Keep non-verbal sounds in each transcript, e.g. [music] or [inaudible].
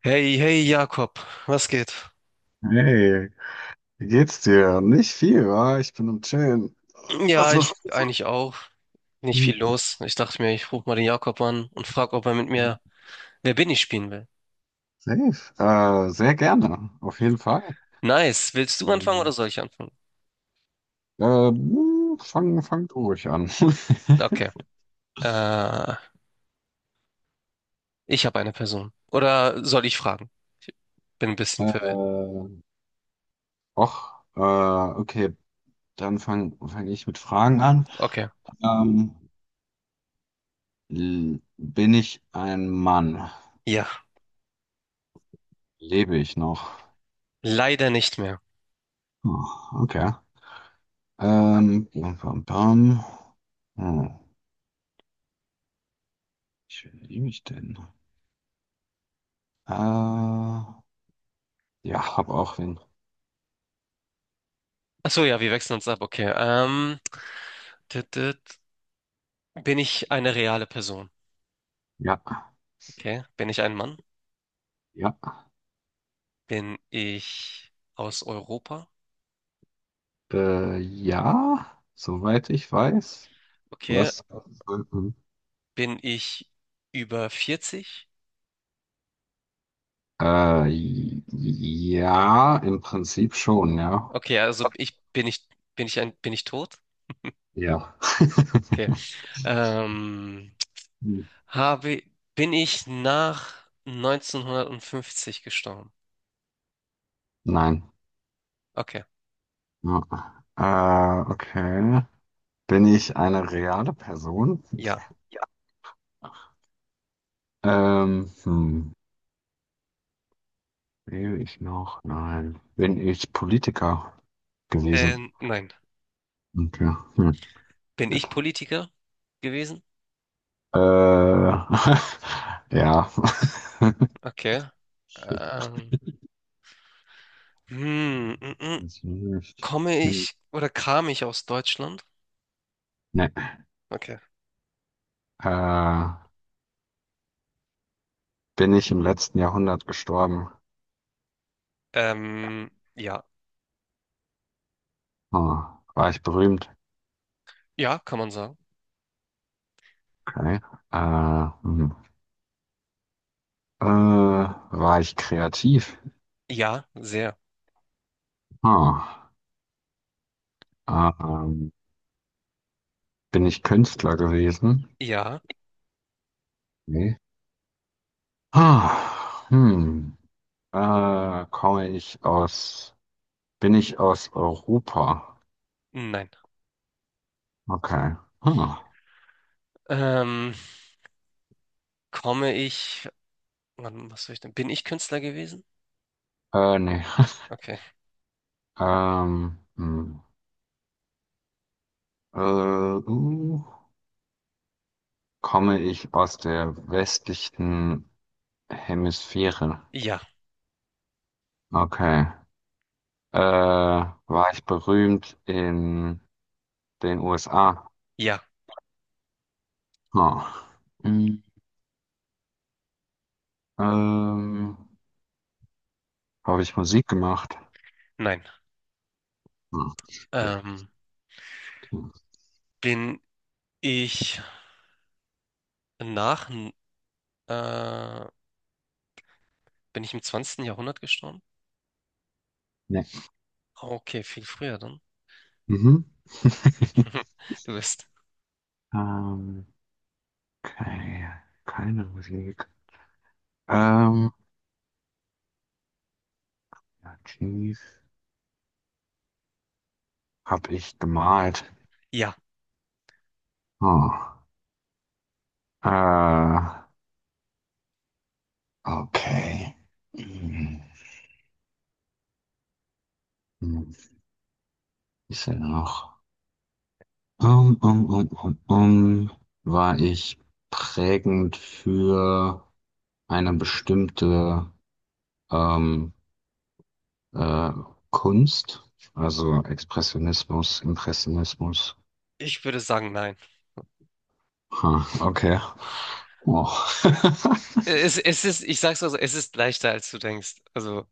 Hey, hey Jakob, was geht? Hey, wie geht's dir? Nicht viel, wa? Ich bin am Chillen. Ja, Was ich machst du so? eigentlich auch. Nicht viel los. Ich dachte mir, ich rufe mal den Jakob an und frage, ob er mit Hm, mir Wer bin ich spielen will. safe. Sehr gerne, auf jeden Fall. Nice. Willst du anfangen oder Ähm, soll ich anfangen? Fang du ruhig an. [laughs] Okay. Äh, Ich habe eine Person. Oder soll ich fragen? Ich bin ein bisschen verwirrt. Äh, Och, okay, dann fang ich mit Fragen an. Okay. Ähm, Bin ich ein Mann? Ja, Lebe ich noch? leider nicht mehr. Hm, okay. Bam, bam, bam. Hm, wie liebe ich denn? Äh, Ja, habe auch wen. Ach so, ja, wir wechseln uns ab. Okay. Tüt, tüt. Bin ich eine reale Person? Ja, Okay. Bin ich ein Mann? ja. Bin ich aus Europa? Ja, soweit ich weiß. Okay. Was? Bin ich über 40? Äh, ja, im Prinzip schon, ja. Okay, also Okay. ich bin ich bin ich ein bin ich tot? Ja. [laughs] Okay. Ähm, Hm. habe bin ich nach neunzehnhundertfünfzig gestorben? Nein. Okay. Ja. Okay. Bin ich eine reale Person? Ja. Ja. Hm. Lebe ich noch? Nein. Bin ich Politiker gewesen? Nein. Okay. Hm. Bin ich Politiker gewesen? Äh, [laughs] ja. Okay. Shit, Ähm, hm, mm, mm. jetzt nicht. Komme Hm, ich oder kam ich aus Deutschland? nee. Okay. Äh, Bin ich im letzten Jahrhundert gestorben? Ja. Hm. War ich berühmt? Ja, kann man sagen. Okay. Äh, hm. War ich kreativ? Ja, sehr. Hm. Ähm, Bin ich Künstler gewesen? Ja, Nee. Ah, hm. Äh, komme ich aus, bin ich aus Europa? nein. Okay. Hm. Ähm, komme ich Wann, was soll ich denn? Bin ich Künstler gewesen? Nee. [laughs] Okay. Ähm, hm. Äh, uh, Komme ich aus der westlichen Hemisphäre? Ja, Okay. War ich berühmt in den USA? ja, Hm. Hm, Ähm, habe ich Musik gemacht? nein. Hm. Shit. Ähm, bin ich nach, äh, bin ich im zwanzigsten Jahrhundert gestorben? Nee. Okay, viel früher dann. Mhm. [laughs] [laughs] Du bist. Ähm, okay. Keine Musik. Ähm, ja, Jeez. Hab ich gemalt? Ja, Hm. Äh, okay. Mhm. Hm, ist er noch? Um, um, um, um, um, War ich prägend für eine bestimmte ähm, äh, Kunst, also Expressionismus, Impressionismus. ich würde sagen, nein. Ha, okay. Oh. [laughs] Es ist, ich sag's mal so, es ist leichter, als du denkst. Also,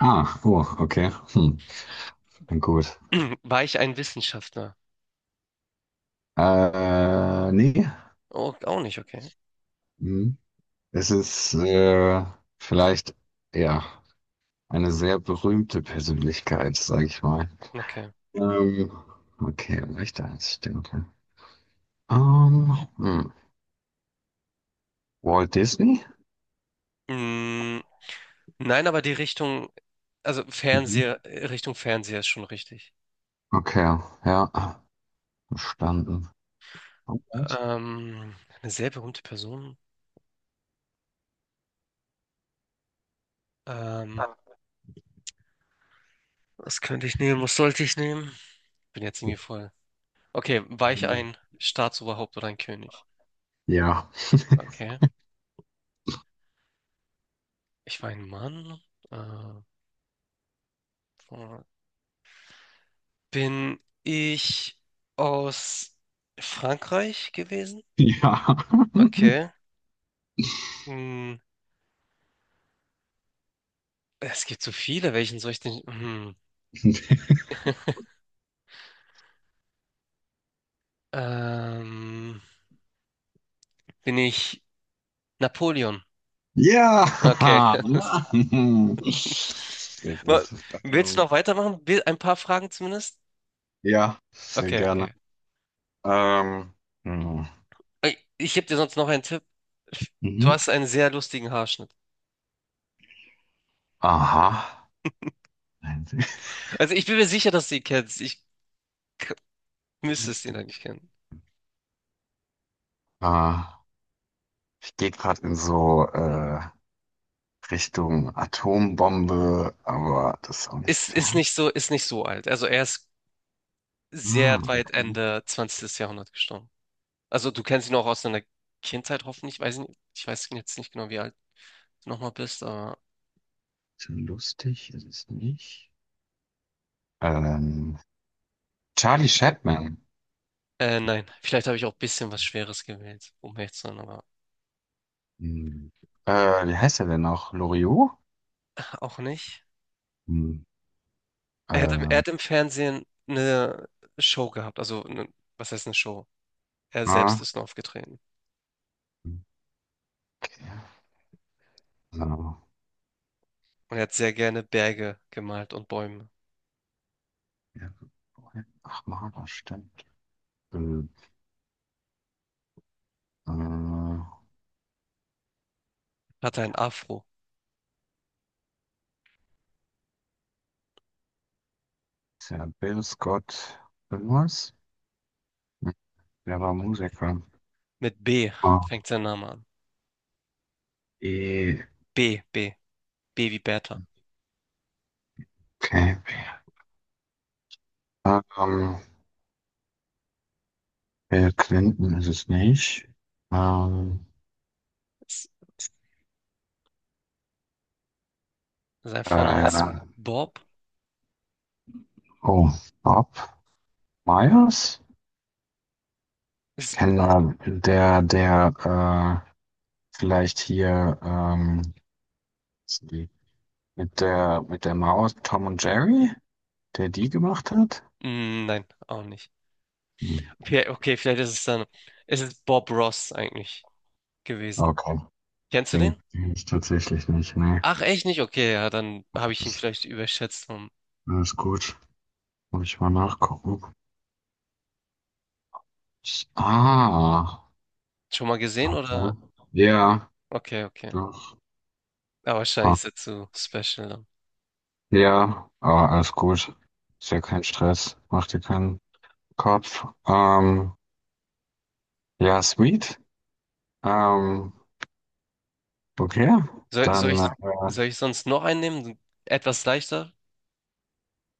Oh, okay. Hm, gut. [clears throat] war ich ein Wissenschaftler? Nee. Oh, auch nicht, okay. Hm. Es ist vielleicht, ja, eine sehr berühmte Persönlichkeit, sage ich mal. Okay. Ähm, okay, leichter als ich denke. Ähm, hm. Walt Disney? Mm, nein, aber die Richtung, also Fernseher, Mhm. Richtung Fernseher ist schon richtig. Okay, ja, verstanden. Oh, Ähm, eine sehr berühmte Person. Ähm, Was könnte ich nehmen? Was sollte ich nehmen? Bin jetzt irgendwie voll. Okay, war ich Ähm, ein Staatsoberhaupt oder ein König? ja. Okay. Ich war ein Mann. Äh, Bin ich aus Frankreich gewesen? [laughs] Ja. Okay. Hm, es gibt so viele. Welchen soll ich denn? Hm. Ähm, Bin ich Napoleon? [laughs] Ja, Okay. [laughs] Mann. Sehr [laughs] Wa- gut. Willst du Ähm, noch weitermachen? Ein paar Fragen zumindest? ja, sehr Okay, gerne. okay. Ähm, hm. Ey, ich gebe dir sonst noch einen Tipp. Du Mhm. hast einen sehr lustigen Haarschnitt. Aha. Nein, sehr Also ich bin mir sicher, dass du ihn kennst. K- Müsste es ihn lustig. eigentlich kennen. äh, Ich gehe gerade in so Richtung Atombombe, aber das ist auch nicht Ist fern. nicht so, ist nicht so alt. Also er ist sehr Ah, weit okay. Ende 20. Jahrhundert gestorben. Also du kennst ihn auch aus deiner Kindheit hoffentlich. Weiß ich nicht, ich weiß jetzt nicht genau, wie alt du nochmal bist, aber Schon lustig ist es nicht. Ähm, Charlie Chaplin. Nein. Vielleicht habe ich auch ein bisschen was Schweres gewählt, um ehrlich zu sein, aber Hm. Wie heißt er denn noch? Loriot? auch nicht. Hm. Er Äh, hat im Fernsehen eine Show gehabt. Also eine, was heißt eine Show? Er selbst ah, ist nur aufgetreten. okay. So. Und er hat sehr gerne Berge gemalt und Bäume. Ja, ach, mal, das stimmt. Äh, äh, Hatte ein Afro. Ist ja Bill Scott irgendwas? Hm, der war Musiker. Mit B Ah, fängt sein Name an. E. B, B, B wie Bertha. Okay. Ähm, Bill Clinton ist es nicht. Ähm, Ist, Sein Vorname ist äh, Bob? oh, Bob Myers? Ich Ist, kenne der, der vielleicht hier die- mit der Maus Tom und Jerry, der die gemacht hat? mm, nein, auch nicht. Hm, Okay, okay, vielleicht ist es dann, ist es Bob Ross eigentlich gewesen. okay, Kennst du den den? kenne ich tatsächlich nicht. Nee, Ach, echt nicht? Okay, ja, dann habe ich ihn alles, vielleicht überschätzt. Hm. alles gut. Muss ich mal nachgucken. Ah, Schon mal gesehen oder? okay. Ja, Okay, okay. doch. Aber wahrscheinlich Ah, ist er zu special dann. ja, aber alles gut. Ist ja kein Stress. Mach dir keinen Kopf. Ja, sweet. Ähm, okay. Soll, soll Dann, ich, soll ich sonst noch einen nehmen? Etwas leichter?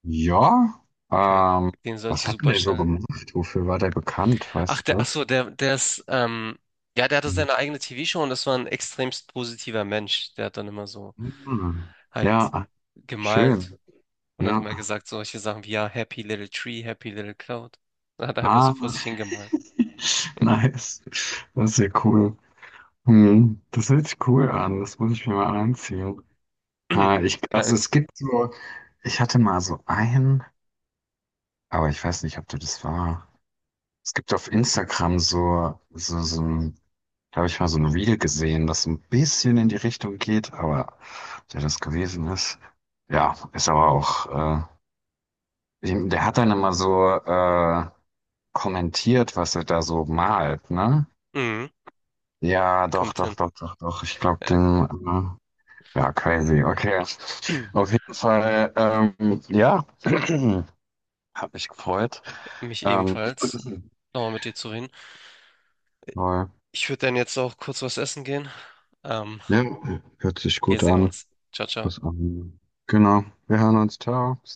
ja. Okay. Ähm, Den sollst du Was hat denn super der so schnell gemacht? Wofür war der bekannt? Ach, Weißt du der, ach das? so, der, der ist, ähm, ja, der hatte seine eigene TV-Show und das war ein extremst positiver Mensch. Der hat dann immer so Mhm. halt Ja, gemalt schön. und dann immer Ja. gesagt solche Sachen wie, ja, Happy Little Tree, Happy Little Cloud. Dann hat er einfach so Ah, vor sich hingemalt. [laughs] nice. Das ist ja cool. Hm, das hört sich cool an. Das muss ich mir mal anziehen. [clears throat] Ah, ich, also Kein, es gibt so, ich hatte mal so einen. Aber ich weiß nicht, ob du das war. Es gibt auf Instagram so ein, da habe ich mal so ein Reel gesehen, das so ein bisschen in die Richtung geht, aber ob der das gewesen ist. Ja, ist aber auch, äh, der hat dann immer so kommentiert, was er da so malt, ne? mhm, Ja, doch, kommt doch, hin. doch, doch, doch. Ich glaube, Ja. den, ja, crazy. Okay. Auf [clears throat] jeden Fall, ja, [clears throat] hat mich gefreut. Mich Ähm, ebenfalls. [clears throat] Nochmal mit dir zu reden. voll. Ich würde dann jetzt auch kurz was essen gehen. Ähm, Ja, hört sich Wir gut sehen an. uns. Ciao, Ich muss ciao. an. Genau. Wir hören uns. Ciao. Bis dann.